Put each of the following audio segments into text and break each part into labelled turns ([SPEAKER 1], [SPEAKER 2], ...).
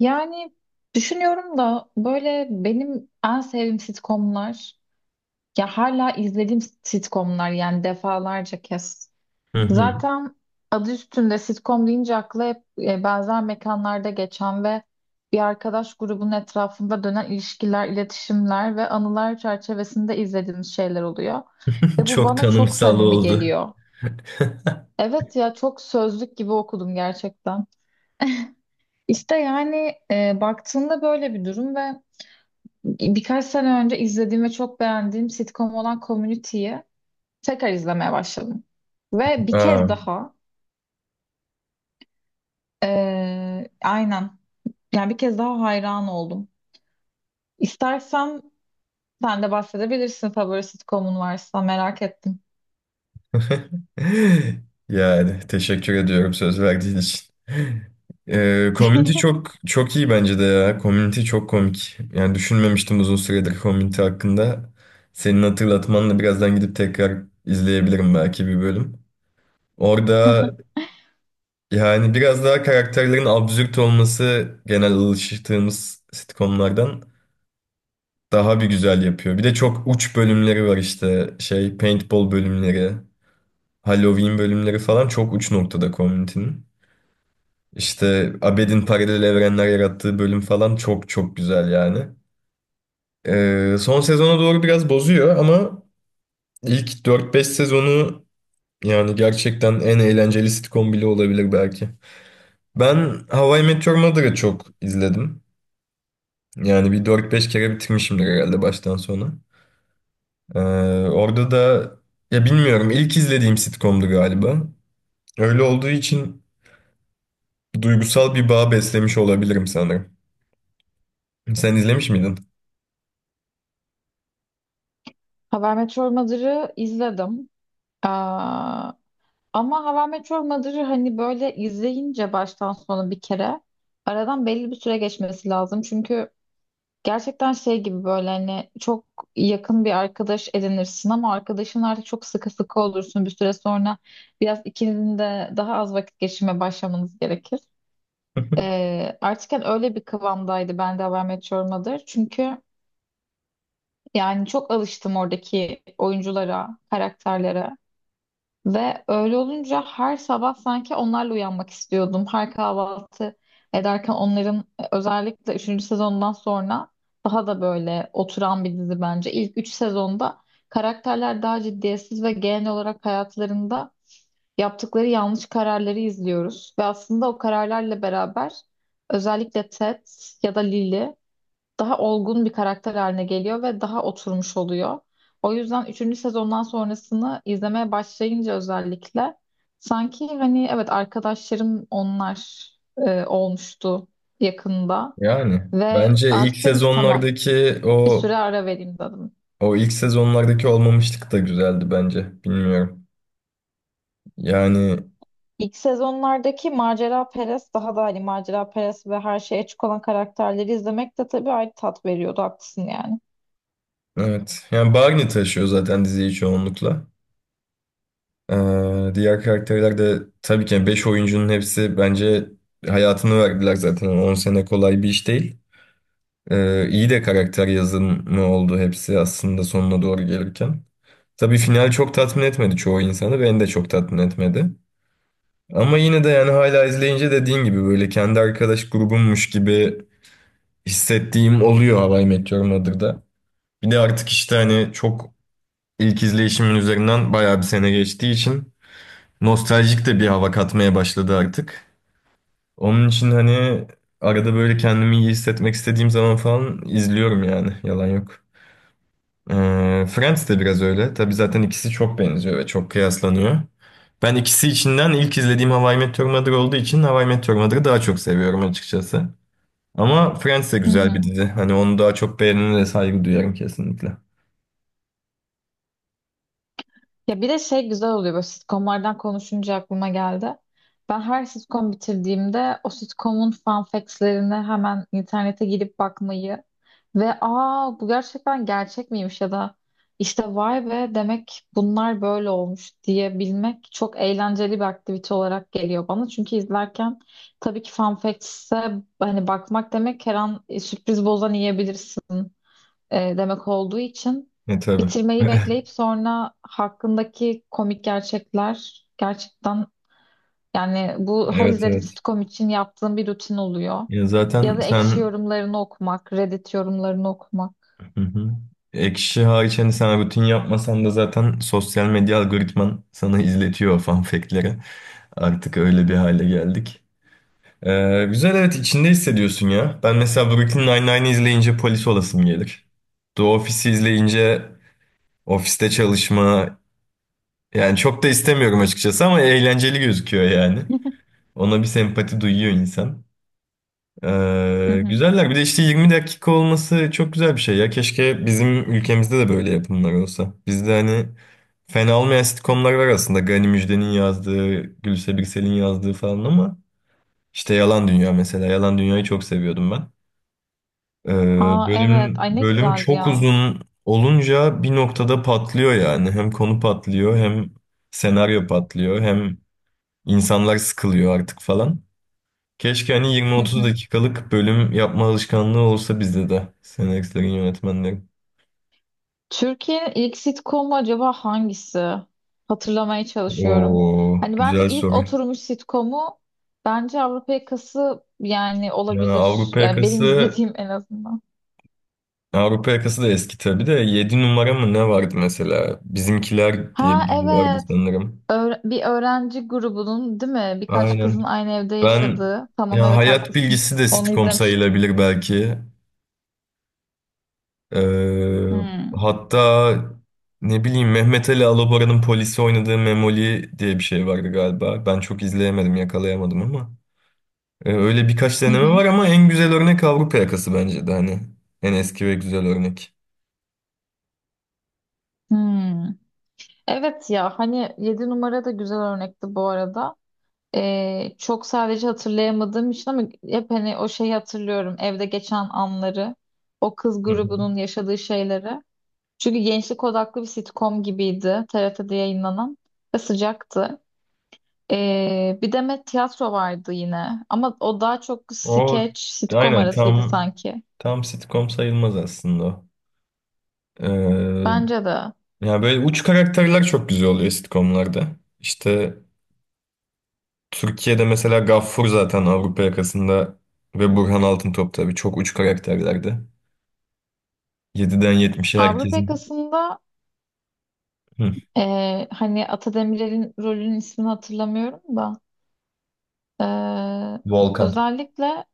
[SPEAKER 1] Yani düşünüyorum da böyle benim en sevdiğim sitcomlar, ya hala izlediğim sitcomlar yani defalarca kez.
[SPEAKER 2] Hı hı.
[SPEAKER 1] Zaten adı üstünde sitcom deyince akla hep benzer mekanlarda geçen ve bir arkadaş grubunun etrafında dönen ilişkiler, iletişimler ve anılar çerçevesinde izlediğimiz şeyler oluyor. Ve bu
[SPEAKER 2] Çok
[SPEAKER 1] bana çok
[SPEAKER 2] tanımsal
[SPEAKER 1] samimi
[SPEAKER 2] oldu.
[SPEAKER 1] geliyor. Evet ya, çok sözlük gibi okudum gerçekten. İşte yani baktığında böyle bir durum ve birkaç sene önce izlediğim ve çok beğendiğim sitcom olan Community'yi tekrar izlemeye başladım. Ve bir
[SPEAKER 2] Aa.
[SPEAKER 1] kez daha, aynen, yani bir kez daha hayran oldum. İstersen sen de bahsedebilirsin, favori sitcomun varsa merak ettim.
[SPEAKER 2] Yani teşekkür ediyorum söz verdiğin için. Community çok çok iyi bence de ya. Community çok komik. Yani düşünmemiştim uzun süredir Community hakkında. Senin hatırlatmanla birazdan gidip tekrar izleyebilirim belki bir bölüm. Orada yani biraz daha karakterlerin absürt olması genel alıştığımız sitcomlardan daha bir güzel yapıyor. Bir de çok uç bölümleri var işte. Şey paintball bölümleri, Halloween bölümleri falan çok uç noktada Community'nin. İşte Abed'in paralel evrenler yarattığı bölüm falan çok çok güzel yani. Son sezona doğru biraz bozuyor ama ilk dört beş sezonu yani gerçekten en eğlenceli sitcom bile olabilir belki. Ben How I Met Your Mother'ı çok izledim. Yani bir dört beş kere bitirmişimdir herhalde baştan sona. Ee, orada da ya bilmiyorum ilk izlediğim sitcomdu galiba. Öyle olduğu için duygusal bir bağ beslemiş olabilirim sanırım. Sen izlemiş miydin?
[SPEAKER 1] How I Met Your Mother'ı izledim. Aa, ama How I Met Your Mother'ı hani böyle izleyince baştan sona bir kere aradan belli bir süre geçmesi lazım. Çünkü gerçekten şey gibi, böyle hani çok yakın bir arkadaş edinirsin ama arkadaşın artık çok sıkı sıkı olursun. Bir süre sonra biraz ikinizin de daha az vakit geçirmeye başlamanız gerekir. Artık hani öyle bir kıvamdaydı ben de How I Met Your Mother. Çünkü yani çok alıştım oradaki oyunculara, karakterlere. Ve öyle olunca her sabah sanki onlarla uyanmak istiyordum. Her kahvaltı ederken onların özellikle üçüncü sezondan sonra daha da böyle oturan bir dizi bence. İlk 3 sezonda karakterler daha ciddiyetsiz ve genel olarak hayatlarında yaptıkları yanlış kararları izliyoruz. Ve aslında o kararlarla beraber özellikle Ted ya da Lily daha olgun bir karakter haline geliyor ve daha oturmuş oluyor. O yüzden üçüncü sezondan sonrasını izlemeye başlayınca, özellikle sanki hani evet arkadaşlarım onlar olmuştu yakında
[SPEAKER 2] Yani
[SPEAKER 1] ve
[SPEAKER 2] bence ilk
[SPEAKER 1] artık dedim ki tamam,
[SPEAKER 2] sezonlardaki
[SPEAKER 1] bir
[SPEAKER 2] o
[SPEAKER 1] süre ara vereyim dedim.
[SPEAKER 2] o ilk sezonlardaki olmamışlık da güzeldi bence. Bilmiyorum. Yani
[SPEAKER 1] İlk sezonlardaki macera perest, daha da hani macera perest ve her şeye açık olan karakterleri izlemek de tabii ayrı tat veriyordu, haklısın yani.
[SPEAKER 2] evet. Yani Barney taşıyor zaten diziyi çoğunlukla. Diğer karakterler de tabii ki yani 5 oyuncunun hepsi bence hayatını verdiler zaten. Yani 10 sene kolay bir iş değil. İyi de karakter yazımı oldu hepsi aslında sonuna doğru gelirken. Tabii final çok tatmin etmedi çoğu insanı, beni de çok tatmin etmedi. Ama yine de yani hala izleyince dediğin gibi böyle kendi arkadaş grubummuş gibi hissettiğim oluyor How I Met Your Mother'da. Bir de artık işte hani çok ilk izleyişimin üzerinden bayağı bir sene geçtiği için nostaljik de bir hava katmaya başladı artık. Onun için hani arada böyle kendimi iyi hissetmek istediğim zaman falan izliyorum yani yalan yok. Friends de biraz öyle. Tabii zaten ikisi çok benziyor ve çok kıyaslanıyor. Ben ikisi içinden ilk izlediğim How I Met Your Mother olduğu için How I Met Your Mother'ı daha çok seviyorum açıkçası. Ama Friends de
[SPEAKER 1] Hı
[SPEAKER 2] güzel bir
[SPEAKER 1] hı.
[SPEAKER 2] dizi. Hani onu daha çok beğenene de saygı duyarım kesinlikle.
[SPEAKER 1] Ya bir de şey güzel oluyor, böyle sitcomlardan konuşunca aklıma geldi. Ben her sitcom bitirdiğimde o sitcomun fun facts'lerini hemen internete girip bakmayı ve aa bu gerçekten gerçek miymiş ya da işte vay be demek bunlar böyle olmuş diyebilmek çok eğlenceli bir aktivite olarak geliyor bana. Çünkü izlerken tabii ki fun facts'e hani bakmak demek her an sürpriz bozan yiyebilirsin demek olduğu için
[SPEAKER 2] E tabii.
[SPEAKER 1] bitirmeyi bekleyip sonra hakkındaki komik gerçekler gerçekten, yani bu her
[SPEAKER 2] Evet
[SPEAKER 1] izlediğim
[SPEAKER 2] evet.
[SPEAKER 1] sitcom için yaptığım bir rutin oluyor.
[SPEAKER 2] Ya
[SPEAKER 1] Ya
[SPEAKER 2] zaten
[SPEAKER 1] da ekşi
[SPEAKER 2] sen
[SPEAKER 1] yorumlarını okumak, Reddit yorumlarını okumak.
[SPEAKER 2] hı hı. Ekşi hariç hani sen rutin yapmasan da zaten sosyal medya algoritman sana izletiyor o fun fact'leri. Artık öyle bir hale geldik. Güzel evet içinde hissediyorsun ya. Ben mesela Brooklyn Nine-Nine'i izleyince polis olasım gelir. The Office'i izleyince ofiste çalışma yani çok da istemiyorum açıkçası ama eğlenceli gözüküyor yani. Ona bir sempati duyuyor insan.
[SPEAKER 1] Hı
[SPEAKER 2] Ee,
[SPEAKER 1] hı.
[SPEAKER 2] güzeller bir de işte 20 dakika olması çok güzel bir şey ya. Keşke bizim ülkemizde de böyle yapımlar olsa. Bizde hani fena olmayan sitcomlar var aslında. Gani Müjde'nin yazdığı, Gülse Birsel'in yazdığı falan ama işte Yalan Dünya mesela. Yalan Dünya'yı çok seviyordum ben. Ee,
[SPEAKER 1] Aa evet,
[SPEAKER 2] bölüm
[SPEAKER 1] ay ne
[SPEAKER 2] bölüm
[SPEAKER 1] güzeldi
[SPEAKER 2] çok
[SPEAKER 1] ya.
[SPEAKER 2] uzun olunca bir noktada patlıyor yani. Hem konu patlıyor, hem senaryo patlıyor, hem insanlar sıkılıyor artık falan. Keşke hani
[SPEAKER 1] Hı
[SPEAKER 2] 20-30
[SPEAKER 1] hı.
[SPEAKER 2] dakikalık bölüm yapma alışkanlığı olsa bizde de senaristlerin, yönetmenlerin.
[SPEAKER 1] Türkiye'nin ilk sitcomu acaba hangisi? Hatırlamaya çalışıyorum.
[SPEAKER 2] Oo,
[SPEAKER 1] Hani bence
[SPEAKER 2] güzel
[SPEAKER 1] ilk
[SPEAKER 2] soru.
[SPEAKER 1] oturmuş sitcomu bence Avrupa Yakası yani,
[SPEAKER 2] Yani
[SPEAKER 1] olabilir.
[SPEAKER 2] Avrupa
[SPEAKER 1] Yani benim
[SPEAKER 2] Yakası
[SPEAKER 1] izlediğim en azından.
[SPEAKER 2] Avrupa Yakası da eski tabii de 7 numara mı ne vardı mesela? Bizimkiler diye bir
[SPEAKER 1] Ha
[SPEAKER 2] dizi vardı
[SPEAKER 1] evet.
[SPEAKER 2] sanırım.
[SPEAKER 1] Bir öğrenci grubunun değil mi? Birkaç kızın
[SPEAKER 2] Aynen.
[SPEAKER 1] aynı evde
[SPEAKER 2] Ben
[SPEAKER 1] yaşadığı. Tamam,
[SPEAKER 2] ya
[SPEAKER 1] evet,
[SPEAKER 2] hayat
[SPEAKER 1] haklısın.
[SPEAKER 2] bilgisi de
[SPEAKER 1] Onu
[SPEAKER 2] sitcom
[SPEAKER 1] izlemiştim.
[SPEAKER 2] sayılabilir belki. Ee,
[SPEAKER 1] Hmm.
[SPEAKER 2] hatta ne bileyim Mehmet Ali Alabora'nın polisi oynadığı Memoli diye bir şey vardı galiba. Ben çok izleyemedim, yakalayamadım ama. Öyle birkaç
[SPEAKER 1] Hı
[SPEAKER 2] deneme
[SPEAKER 1] hı.
[SPEAKER 2] var ama en güzel örnek Avrupa Yakası bence de hani. En eski ve güzel örnek.
[SPEAKER 1] Hmm. Evet ya, hani yedi numara da güzel örnekti bu arada. Çok sadece hatırlayamadığım için ama hep hani o şeyi hatırlıyorum. Evde geçen anları, o kız
[SPEAKER 2] Hı hı.
[SPEAKER 1] grubunun yaşadığı şeyleri. Çünkü gençlik odaklı bir sitcom gibiydi TRT'de yayınlanan ve sıcaktı. Bir de Met Tiyatro vardı yine, ama o daha çok
[SPEAKER 2] O
[SPEAKER 1] skeç, sitcom
[SPEAKER 2] aynen
[SPEAKER 1] arasıydı
[SPEAKER 2] tam
[SPEAKER 1] sanki.
[SPEAKER 2] tam sitcom sayılmaz aslında o. Ee,
[SPEAKER 1] Bence de.
[SPEAKER 2] ya böyle uç karakterler çok güzel oluyor sitcomlarda. İşte Türkiye'de mesela Gaffur zaten Avrupa Yakası'nda ve Burhan Altıntop tabii çok uç karakterlerdi. Yediden yetmişe
[SPEAKER 1] Avrupa
[SPEAKER 2] herkesin.
[SPEAKER 1] Yakası'nda
[SPEAKER 2] Hı,
[SPEAKER 1] hani Atademir'in rolünün ismini hatırlamıyorum da, ee,
[SPEAKER 2] Volkan.
[SPEAKER 1] özellikle,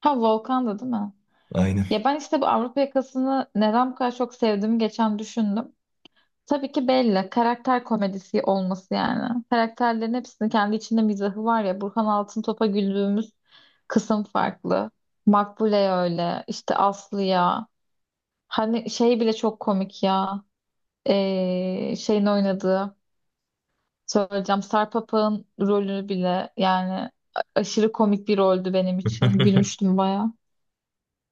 [SPEAKER 1] ha Volkan'dı değil mi?
[SPEAKER 2] Aynen.
[SPEAKER 1] Ya ben işte bu Avrupa Yakası'nı neden bu kadar çok sevdiğimi geçen düşündüm. Tabii ki belli. Karakter komedisi olması yani. Karakterlerin hepsinin kendi içinde mizahı var ya. Burhan Altıntop'a güldüğümüz kısım farklı. Makbule öyle. İşte Aslı'ya. Hani şey bile çok komik ya. Şeyin oynadığı. Söyleyeceğim. Sarpapa'nın rolü bile yani aşırı komik bir roldü benim için. Gülmüştüm bayağı.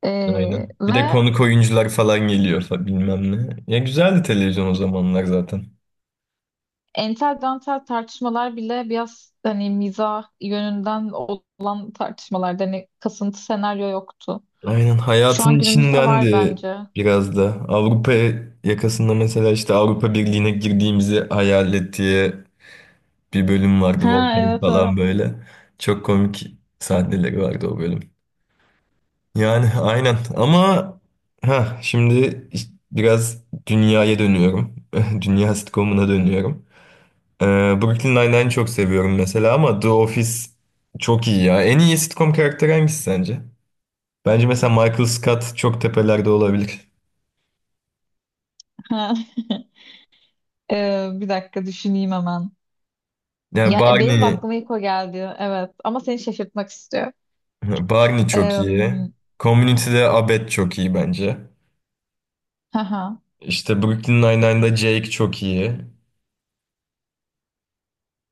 [SPEAKER 1] Ee,
[SPEAKER 2] Aynen. Bir de
[SPEAKER 1] ve
[SPEAKER 2] konuk oyuncular falan geliyor bilmem ne. Ya güzeldi televizyon o zamanlar zaten.
[SPEAKER 1] entel dantel tartışmalar bile biraz hani mizah yönünden olan tartışmalarda hani kasıntı senaryo yoktu.
[SPEAKER 2] Aynen
[SPEAKER 1] Şu an
[SPEAKER 2] hayatın
[SPEAKER 1] günümüzde var
[SPEAKER 2] içindendi
[SPEAKER 1] bence.
[SPEAKER 2] biraz da. Avrupa Yakası'nda mesela işte Avrupa Birliği'ne girdiğimizi hayal et diye bir bölüm vardı
[SPEAKER 1] Ha
[SPEAKER 2] Volkan
[SPEAKER 1] evet evet.
[SPEAKER 2] falan böyle. Çok komik sahneleri vardı o bölüm. Yani aynen ama ha şimdi biraz dünyaya dönüyorum. Dünya sitcomuna dönüyorum. Ee, Brooklyn Nine-Nine'i çok seviyorum mesela ama The Office çok iyi ya. En iyi sitcom karakteri hangisi sence? Bence mesela Michael Scott çok tepelerde olabilir.
[SPEAKER 1] Ha. Bir dakika düşüneyim hemen.
[SPEAKER 2] Yani
[SPEAKER 1] Ya benim de
[SPEAKER 2] Barney,
[SPEAKER 1] aklıma ilk o geldi. Evet ama seni şaşırtmak istiyor.
[SPEAKER 2] Barney çok
[SPEAKER 1] Ee,
[SPEAKER 2] iyi. Community'de Abed çok iyi bence.
[SPEAKER 1] hı hı.
[SPEAKER 2] İşte Brooklyn Nine-Nine'da Jake çok iyi.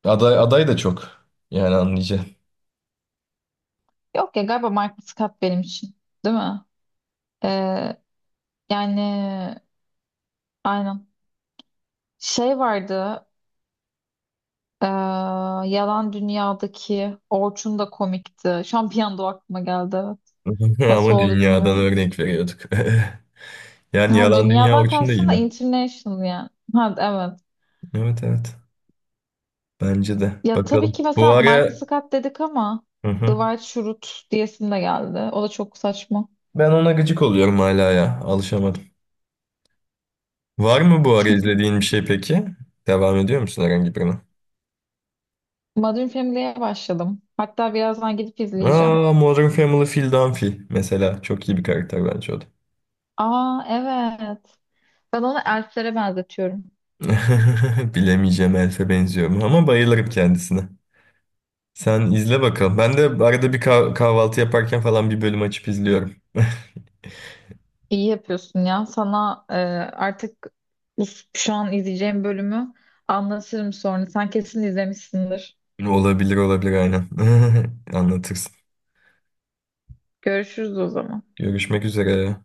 [SPEAKER 2] Aday, aday da çok. Yani anlayacağın.
[SPEAKER 1] Yok ya, galiba Michael Scott benim için. Değil mi? Ee, Yani, aynen. Şey vardı. Ee, Yalan Dünya'daki Orçun da komikti. Şampiyon da aklıma geldi, evet. Nasıl
[SPEAKER 2] Ama
[SPEAKER 1] oldu
[SPEAKER 2] dünyadan
[SPEAKER 1] bilmiyorum.
[SPEAKER 2] örnek veriyorduk. Yani
[SPEAKER 1] Ha,
[SPEAKER 2] Yalan Dünya
[SPEAKER 1] dünyadan
[SPEAKER 2] için de
[SPEAKER 1] kastın da
[SPEAKER 2] iyiydi.
[SPEAKER 1] international yani. Ha, evet.
[SPEAKER 2] Evet evet. Bence de.
[SPEAKER 1] Ya tabii ki
[SPEAKER 2] Bakalım. Bu
[SPEAKER 1] mesela Michael
[SPEAKER 2] ara.
[SPEAKER 1] Scott dedik ama
[SPEAKER 2] Hı hı.
[SPEAKER 1] Dwight Schrute diyesim de geldi. O da çok saçma.
[SPEAKER 2] Ben ona gıcık oluyorum hala ya. Alışamadım. Var mı bu ara izlediğin bir şey peki? Devam ediyor musun herhangi birine?
[SPEAKER 1] Modern Family'ye başladım. Hatta birazdan gidip izleyeceğim.
[SPEAKER 2] Aa, Modern Family Phil Dunphy mesela. Çok iyi bir karakter bence o da.
[SPEAKER 1] Aa evet. Ben onu elflere benzetiyorum.
[SPEAKER 2] Bilemeyeceğim Elf'e benziyorum ama bayılırım kendisine. Sen izle bakalım. Ben de arada bir kahvaltı yaparken falan bir bölüm açıp izliyorum.
[SPEAKER 1] İyi yapıyorsun ya. Sana artık bu, şu an izleyeceğim bölümü anlatırım sonra. Sen kesin izlemişsindir.
[SPEAKER 2] Olabilir olabilir aynen. Anlatırsın.
[SPEAKER 1] Görüşürüz o zaman.
[SPEAKER 2] Görüşmek üzere.